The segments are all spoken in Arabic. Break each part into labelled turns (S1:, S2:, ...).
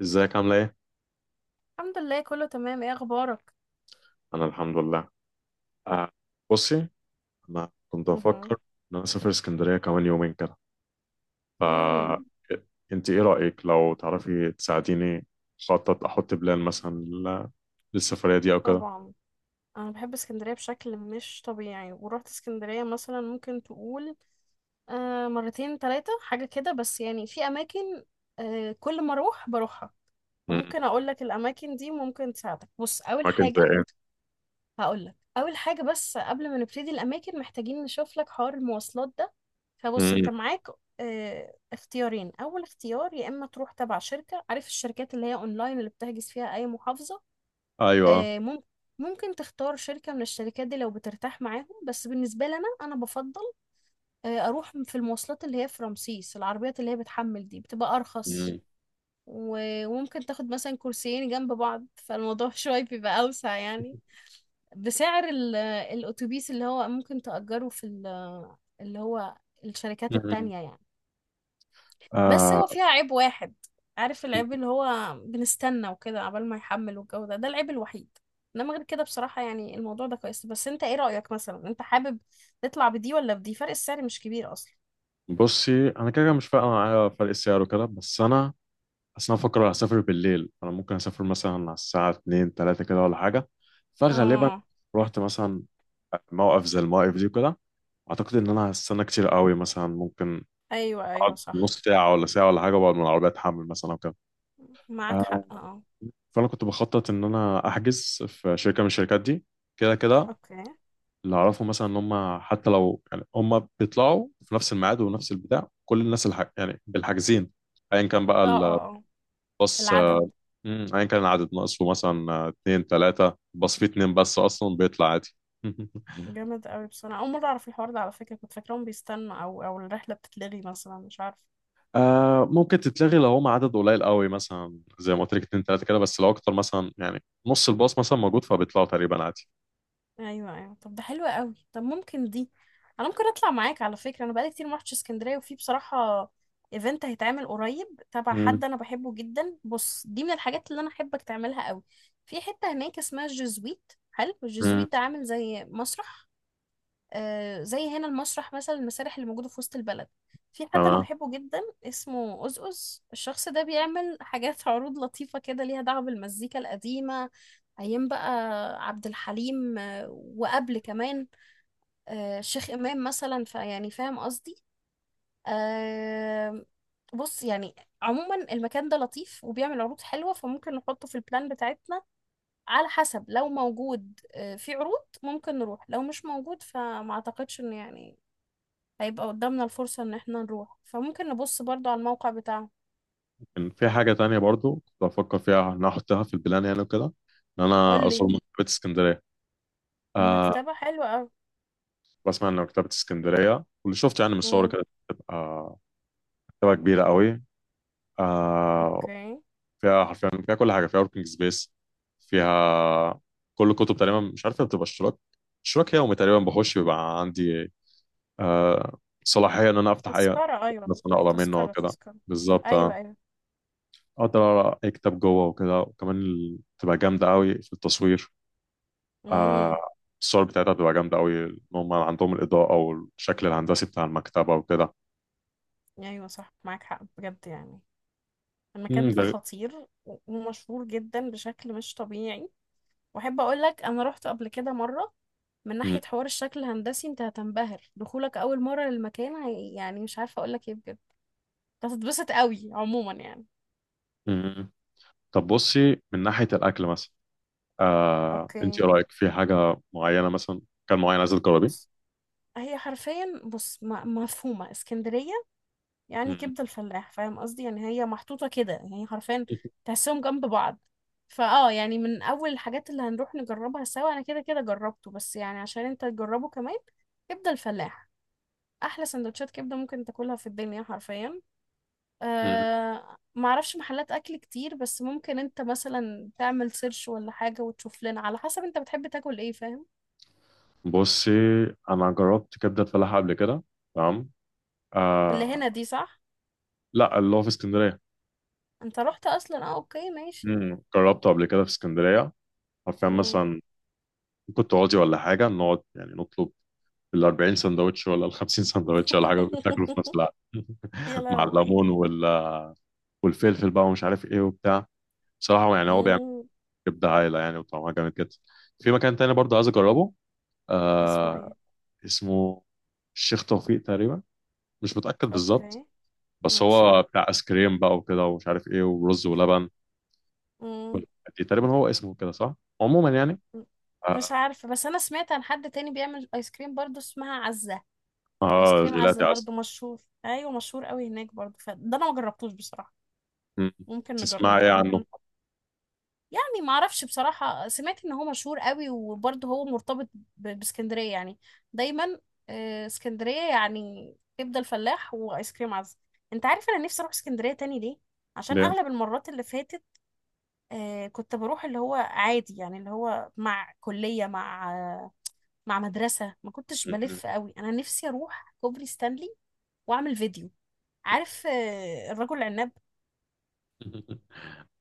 S1: ازيك عاملة ايه؟
S2: الحمد لله كله تمام. ايه اخبارك؟
S1: أنا الحمد لله. آه بصي، أنا كنت
S2: مهم.
S1: أفكر إن أنا أسافر اسكندرية كمان يومين كده. ف
S2: امم
S1: أنت إيه رأيك لو تعرفي تساعديني أخطط، أحط بلان مثلا للسفرية دي أو كده؟
S2: طبعا انا بحب اسكندريه بشكل مش طبيعي، ورحت اسكندريه مثلا ممكن تقول مرتين ثلاثه حاجه كده، بس يعني في اماكن كل ما اروح بروحها.
S1: مم.
S2: فممكن اقول لك الاماكن دي ممكن تساعدك. بص، اول
S1: أماكن زي
S2: حاجه
S1: إيه؟
S2: هقول لك اول حاجه، بس قبل ما نبتدي الاماكن محتاجين نشوف لك حوار المواصلات ده. فبص،
S1: مم.
S2: انت معاك اختيارين. اول اختيار يا اما تروح تبع شركه، عارف الشركات اللي هي اونلاين اللي بتحجز فيها اي محافظه؟
S1: أيوه.
S2: آه، مم- ممكن تختار شركه من الشركات دي لو بترتاح معاهم. بس بالنسبه لنا انا بفضل اروح في المواصلات اللي هي في رمسيس، العربيات اللي هي بتحمل دي بتبقى ارخص.
S1: مم.
S2: و- وممكن تاخد مثلا كرسيين جنب بعض، فالموضوع شويه بيبقى اوسع يعني، بسعر الأتوبيس اللي هو ممكن تأجره في ال- اللي هو الشركات
S1: مم.
S2: التانية يعني. بس هو
S1: آه
S2: فيها عيب واحد، عارف العيب اللي هو بنستنى وكده عبال ما يحمل والجو ده، ده العيب الوحيد. انما غير كده بصراحة يعني الموضوع ده كويس. بس انت ايه رأيك مثلا، انت حابب تطلع بدي ولا بدي؟ فرق السعر مش كبير اصلا.
S1: بصي، أنا كده كده مش فارقة معايا فرق السعر وكده، بس أنا اصل انا بفكر اسافر بالليل. انا ممكن اسافر مثلا على الساعه 2 3 كده ولا حاجه، فغالبا
S2: اه.
S1: رحت مثلا موقف زي المواقف دي كده، اعتقد ان انا هستنى كتير قوي. مثلا ممكن
S2: ايوه، ايوه
S1: اقعد
S2: صح،
S1: نص ساعه ولا ساعه ولا حاجه وبقعد من العربيه اتحمل مثلا او كده.
S2: معاك
S1: آه،
S2: حق. اه،
S1: فانا كنت بخطط ان انا احجز في شركه من الشركات دي كده كده.
S2: اوكي. اه
S1: اللي اعرفه مثلا ان هم حتى لو، يعني هم بيطلعوا في نفس الميعاد ونفس البتاع، كل الناس يعني بالحاجزين، ايا كان بقى
S2: اه اه.
S1: الباص.
S2: العدد
S1: مم. ايا كان العدد ناقصه مثلا اتنين تلاتة، بس في اتنين بس اصلا بيطلع عادي.
S2: جامد قوي بصراحة. أول مرة أعرف الحوار ده على فكرة، كنت فاكراهم بيستنوا أو الرحلة بتتلغي مثلا، مش عارفة.
S1: آه، ممكن تتلغي لو هم عدد قليل قوي مثلا، زي ما قلت لك اتنين تلاتة كده، بس لو اكتر مثلا يعني نص الباص مثلا موجود فبيطلعوا تقريبا عادي.
S2: أيوة أيوة، طب ده حلو قوي. طب ممكن دي، أنا ممكن أطلع معاك على فكرة. أنا بقالي كتير ما رحتش اسكندرية، وفي بصراحة ايفنت هيتعمل قريب تبع
S1: مم.
S2: حد أنا بحبه جدا. بص دي من الحاجات اللي أنا أحبك تعملها قوي. في حتة هناك اسمها الجزويت، حلو.
S1: مم.
S2: الجزويت ده عامل زي مسرح، زي هنا المسرح مثلا، المسارح اللي موجودة في وسط البلد. في حد أنا
S1: تمام.
S2: بحبه جدا اسمه أزأز. الشخص ده بيعمل حاجات عروض لطيفة كده، ليها دعوة بالمزيكا القديمة. أيام بقى عبد الحليم، وقبل كمان الشيخ إمام مثلا. فيعني فاهم قصدي. آه، بص يعني عموما المكان ده لطيف وبيعمل عروض حلوة، فممكن نحطه في البلان بتاعتنا. على حسب، لو موجود في عروض ممكن نروح، لو مش موجود فما أعتقدش إنه يعني هيبقى قدامنا الفرصة ان احنا نروح. فممكن نبص برضو على الموقع بتاعهم.
S1: كان في حاجة تانية برضو كنت بفكر فيها ان أنا احطها في البلان يعني وكده، ان انا
S2: قولي.
S1: ازور مكتبة اسكندرية. آه.
S2: المكتبة حلوة اوي.
S1: بسمع ان مكتبة اسكندرية، واللي شفت يعني من الصور
S2: امم.
S1: كده، بتبقى مكتبة كبيرة قوي. آه،
S2: اوكي.
S1: فيها حرفيا، فيها كل حاجه، فيها وركينج سبيس، فيها كل الكتب تقريبا. مش عارف، بتبقى اشتراك اشتراك يومي تقريبا، بخش بيبقى عندي آه صلاحيه ان انا افتح اي،
S2: تذكرة، ايوه.
S1: بس انا اقرا منه
S2: تذكرة
S1: وكده.
S2: تذكرة.
S1: بالظبط،
S2: ايوه
S1: اه،
S2: ايوه.
S1: اقدر اقرا اي كتاب جوه وكده. وكمان بتبقى جامده قوي في التصوير. آه،
S2: امم.
S1: الصور بتاعتها بتبقى جامده قوي، ان هم عندهم الاضاءه والشكل الهندسي بتاع المكتبه وكده.
S2: ايوه صح، معاك حق بجد يعني.
S1: مم،
S2: المكان ده
S1: ده
S2: خطير و- ومشهور جدا بشكل مش طبيعي. واحب اقول لك انا رحت قبل كده مرة. من
S1: مم،
S2: ناحية حوار الشكل الهندسي انت هتنبهر، دخولك اول مرة للمكان يعني مش عارفة اقول لك ايه بجد. هتتبسط قوي عموما يعني.
S1: مم. طب بصي، من ناحيه الاكل مثلا، انت
S2: اوكي.
S1: ايه رايك في حاجه معينه، مثلا كان معين عايزه تجربيه؟
S2: بص، هي حرفيا بص مفهومة اسكندرية. يعني
S1: مم.
S2: كبدة الفلاح، فاهم قصدي؟ يعني هي محطوطة كده يعني حرفيا تحسهم جنب بعض. فاه يعني من أول الحاجات اللي هنروح نجربها سوا. أنا كده كده جربته، بس يعني عشان انت تجربه كمان، كبدة الفلاح. أحلى سندوتشات كبدة ممكن تاكلها في الدنيا حرفيا.
S1: مم.
S2: أه، معرفش محلات أكل كتير، بس ممكن انت مثلا تعمل سيرش ولا حاجة وتشوف لنا على حسب انت بتحب تاكل ايه، فاهم؟
S1: بصي، انا جربت كبده فلاحه قبل كده. تمام.
S2: اللي
S1: آه،
S2: هنا دي صح؟
S1: لا، اللي هو في اسكندريه.
S2: انت رحت أصلا، اه اوكي ماشي.
S1: مم. جربته قبل كده في اسكندريه. حرفيا مثلا ممكن تقعدي ولا حاجه، نقعد يعني نطلب ال 40 سندوتش ولا ال 50 سندوتش ولا حاجه، بتاكلوا في نفس الوقت.
S2: يا
S1: مع
S2: لهوي.
S1: الليمون والفلفل بقى ومش عارف ايه وبتاع. بصراحه يعني هو بيعمل
S2: مم.
S1: كبده عايله يعني، وطعمها جامد جدا. في مكان تاني برضه عايز اجربه،
S2: اسمه
S1: آه،
S2: ايه؟
S1: اسمه الشيخ توفيق تقريبا، مش متأكد بالظبط.
S2: اوكي
S1: بس
S2: ماشي.
S1: هو بتاع ايس كريم بقى وكده، ومش عارف ايه، ورز ولبن
S2: مم.
S1: والحاجات دي تقريبا. هو اسمه كده صح، عموما يعني. اه.
S2: مش عارفة، بس انا سمعت عن حد تاني بيعمل ايس كريم برضو اسمها عزة. ايس
S1: آه
S2: كريم عزة
S1: جيلاتي عسل.
S2: برضو مشهور، ايوه مشهور قوي هناك برضو، فده انا ما جربتوش بصراحة.
S1: م-
S2: ممكن
S1: تسمع
S2: نجربه،
S1: ايه عنه؟
S2: ممكن. يعني ما اعرفش بصراحة، سمعت ان هو مشهور قوي، وبرضه هو مرتبط ب- باسكندرية يعني دايما. اسكندرية يعني كبدة الفلاح وايس كريم عزة. انت عارف انا نفسي اروح اسكندرية تاني ليه؟ عشان
S1: ليه؟
S2: اغلب المرات اللي فاتت كنت بروح اللي هو عادي يعني، اللي هو مع كلية مع مع مدرسة، ما كنتش بلف قوي. انا نفسي اروح كوبري ستانلي واعمل فيديو، عارف الرجل العناب.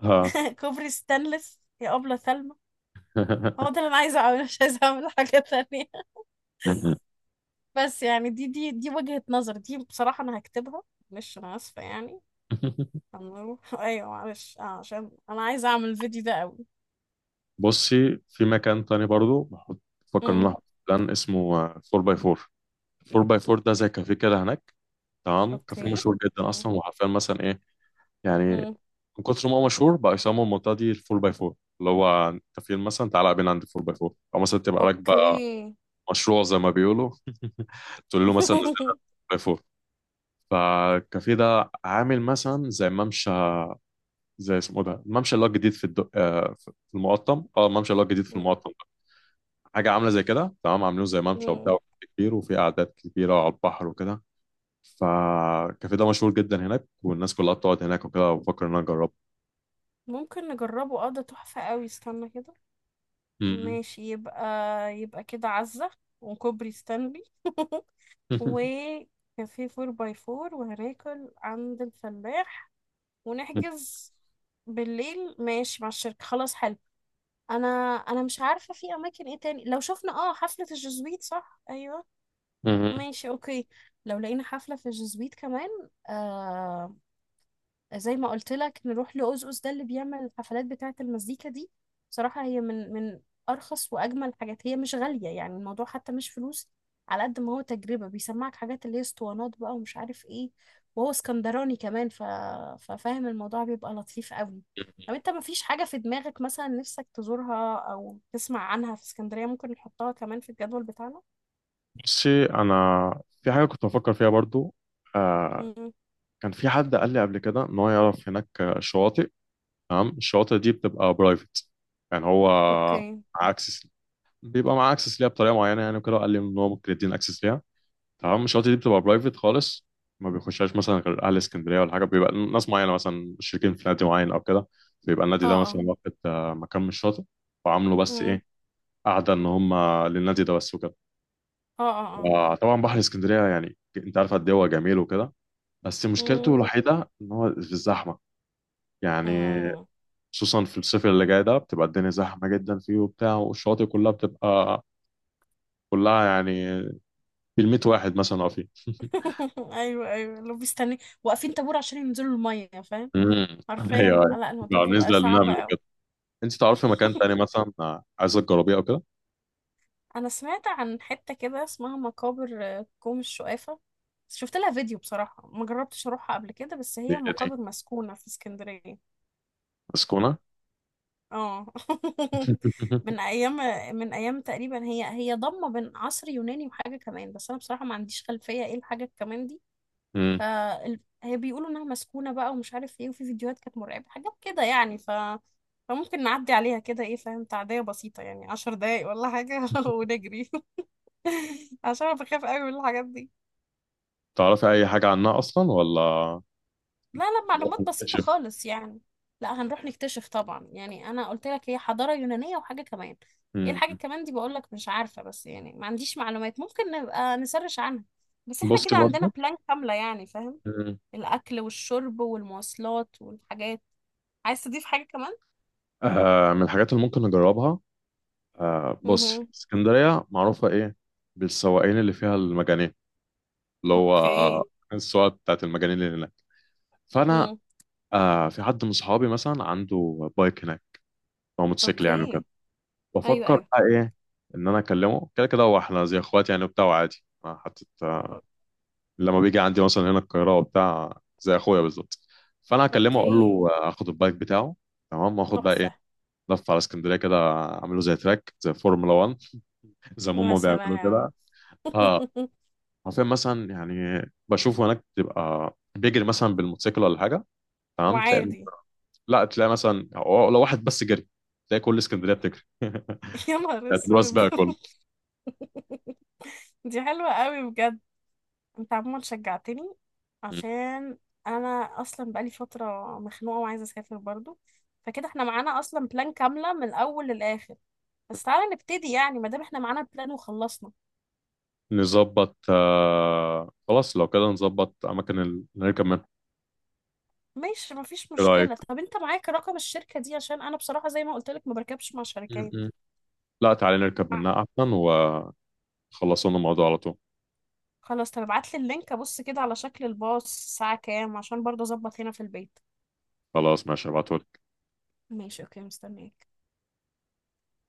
S1: اه.
S2: كوبري ستانلس يا أبلة ثلمى. هو ده اللي انا عايزه اعمله، مش عايزه اعمل حاجه تانية. بس يعني دي وجهة نظر، دي بصراحة أنا هكتبها. معلش، أنا آسفة يعني. هنروح أيوة معلش، عشان أنا عايزة أعمل الفيديو ده أوي.
S1: بصي، في مكان تاني برضو بحط، بفكر ان انا
S2: أمم.
S1: احط بلان اسمه 4 باي 4. 4 باي 4 ده زي كافيه كده هناك، تمام، كافيه
S2: أوكي.
S1: مشهور جدا
S2: أمم.
S1: اصلا. وحرفيا مثلا ايه، يعني،
S2: أمم.
S1: من كتر ما هو مشهور بقى يسموا المنطقة دي ال 4 x 4. اللي هو انت فين مثلا، تعالى قابلنا عند 4 x 4، او مثلا تبقى راكبة
S2: أوكي.
S1: مشروع زي ما بيقولوا تقول له مثلا نزلنا 4 x 4. فالكافيه ده عامل مثلا زي ممشى، زي اسمه ده الممشى اللي هو الجديد آه، في المقطم، اه، الممشى اللي هو الجديد في
S2: أمم.
S1: المقطم ده. حاجة عاملة زي كده، تمام، عاملينه زي ممشى
S2: أمم.
S1: وبتاع كبير، وفي قعدات كبيرة على البحر وكده. فالكافيه ده مشهور جدا هناك والناس كلها بتقعد هناك وكده، وبفكر ان انا اجربه.
S2: ممكن نجربه، اه ده تحفة أوي. استنى كده، ماشي. يبقى يبقى كده عزة وكوبري ستانلي وكافيه فور باي فور، وهناكل عند الفلاح، ونحجز بالليل ماشي مع الشركة. خلاص حلو. انا انا مش عارفه في اماكن ايه تاني. لو شفنا اه حفله الجزويت، صح، ايوه ماشي اوكي. لو لقينا حفله في الجزويت كمان، آم، زي ما قلت لك نروح لأوزوس ده اللي بيعمل الحفلات بتاعة المزيكا دي. بصراحة هي من أرخص وأجمل حاجات. هي مش غالية يعني، الموضوع حتى مش فلوس على قد ما هو تجربة. بيسمعك حاجات اللي هي اسطوانات بقى ومش عارف ايه، وهو اسكندراني كمان ف... ففاهم الموضوع، بيبقى لطيف قوي. طب انت مفيش حاجة في دماغك مثلا نفسك تزورها أو تسمع عنها في اسكندرية ممكن نحطها كمان في الجدول بتاعنا؟
S1: بصي انا، في حاجه كنت بفكر فيها برضو. آه.
S2: مم.
S1: كان في حد قال لي قبل كده ان هو يعرف هناك شواطئ. تمام، الشواطئ دي بتبقى برايفت، يعني هو
S2: اوكي.
S1: مع اكسس، بيبقى مع اكسس ليها بطريقه معينه يعني وكده. قال لي ان هو ممكن يدينا اكسس ليها. تمام، الشواطئ دي بتبقى برايفت خالص، ما بيخشهاش مثلا غير اهل اسكندريه ولا حاجه. بيبقى ناس معينه مثلا مشتركين في نادي معين او كده، بيبقى
S2: اه
S1: النادي ده
S2: اه.
S1: مثلا واخد مكان من الشاطئ وعامله. بس
S2: مم.
S1: ايه، قاعده ان هم للنادي ده بس وكده.
S2: اه اه اه.
S1: آه طبعا بحر اسكندرية، يعني انت عارف قد ايه هو جميل وكده، بس مشكلته
S2: مم.
S1: الوحيدة ان هو في الزحمة يعني.
S2: مم.
S1: خصوصا في الصيف اللي جاي ده بتبقى الدنيا زحمة جدا فيه وبتاع، والشواطئ كلها بتبقى كلها يعني بالمية واحد مثلا واقفين.
S2: ايوه ايوه، لو بيستني واقفين طابور عشان ينزلوا الميه، فاهم؟
S1: امم.
S2: حرفيا
S1: ايوه ايوه.
S2: لا، الموضوع بيبقى
S1: بالنسبة
S2: صعب
S1: للنمل
S2: قوي.
S1: كده. انت تعرفي مكان تاني مثلا عايزة تجربيه او كده؟
S2: انا سمعت عن حته كده اسمها مقابر كوم الشقافه. شفت لها فيديو بصراحه، ما جربتش اروحها قبل كده، بس
S1: دي
S2: هي
S1: دي
S2: مقابر مسكونه في اسكندريه.
S1: مسكونة؟
S2: اه. من ايام، من ايام تقريبا. هي ضمه بين عصر يوناني وحاجه كمان، بس انا بصراحه ما عنديش خلفيه ايه الحاجه كمان دي. ف
S1: امم.
S2: هي بيقولوا انها مسكونه بقى ومش عارف ايه، وفي فيديوهات كانت مرعبه، حاجات كده يعني. ف فممكن نعدي عليها كده ايه، فاهم؟ تعديه بسيطه يعني 10 دقايق ولا حاجه ونجري. عشان انا بخاف قوي من الحاجات دي.
S1: تعرفي اي حاجة عنها اصلا ولا
S2: لا لا،
S1: نروح
S2: معلومات بسيطه
S1: نكتشف؟
S2: خالص يعني. لا هنروح نكتشف طبعا. يعني انا قلت لك هي حضاره يونانيه وحاجه كمان، ايه
S1: امم.
S2: الحاجه كمان دي بقول لك مش عارفه. بس يعني ما عنديش معلومات، ممكن نبقى نسرش عنها. بس احنا
S1: بصي
S2: كده عندنا
S1: برضه،
S2: بلان كامله يعني، فاهم؟ الاكل والشرب والمواصلات والحاجات. عايز تضيف حاجة كمان؟
S1: آه، من الحاجات اللي ممكن نجربها، آه، بص،
S2: مهم.
S1: اسكندرية معروفة إيه، بالسواقين اللي فيها المجانين، اللي هو
S2: اوكي.
S1: السواقة بتاعت المجانين اللي هناك. فأنا،
S2: مم.
S1: في حد من صحابي مثلا عنده بايك هناك أو موتوسيكل يعني
S2: اوكي.
S1: وكده.
S2: ايوه
S1: بفكر
S2: ايوه.
S1: بقى إيه، إن أنا أكلمه. كده كده هو إحنا زي إخوات يعني وبتاع وعادي، حتى لما بيجي عندي مثلا هنا القاهرة وبتاع زي أخويا بالظبط. فأنا أكلمه أقول
S2: اوكي.
S1: له آخد البايك بتاعه، تمام، وآخد بقى إيه،
S2: تحفة.
S1: لف على اسكندرية كده، أعمله زي تراك زي فورمولا 1، زي ما
S2: يا
S1: هم بيعملوا
S2: سلام.
S1: كده. اه، عارفين مثلا يعني. بشوف هناك تبقى بيجري مثلا بالموتوسيكل ولا حاجه، تمام. تلاقي،
S2: وعادي.
S1: لا تلاقي مثلا هو لو واحد بس جري، تلاقي كل اسكندريه بتجري.
S2: يا نهار
S1: يعتبروها
S2: اسود.
S1: سباق كله.
S2: دي حلوة قوي بجد. انت عموما شجعتني،
S1: مم.
S2: عشان انا اصلا بقالي فترة مخنوقة وعايزة اسافر برضو. فكده احنا معانا اصلا بلان كاملة من الاول للاخر. بس تعالى نبتدي يعني، ما دام احنا معانا بلان وخلصنا.
S1: نظبط خلاص، لو كده نظبط اماكن اللي نركب منها.
S2: ماشي مفيش
S1: ايه رايك؟
S2: مشكلة. طب انت معاك رقم الشركة دي؟ عشان انا بصراحة زي ما قلت لك ما بركبش مع شركات.
S1: مم. لا تعالى نركب
S2: مع-
S1: منها احسن ونخلصوا لنا الموضوع على طول.
S2: خلاص، طب ابعت لي اللينك ابص كده على شكل الباص، الساعة كام، عشان برضه اظبط هنا في البيت.
S1: خلاص ماشي، ابعتهولي.
S2: ماشي اوكي، مستنيك.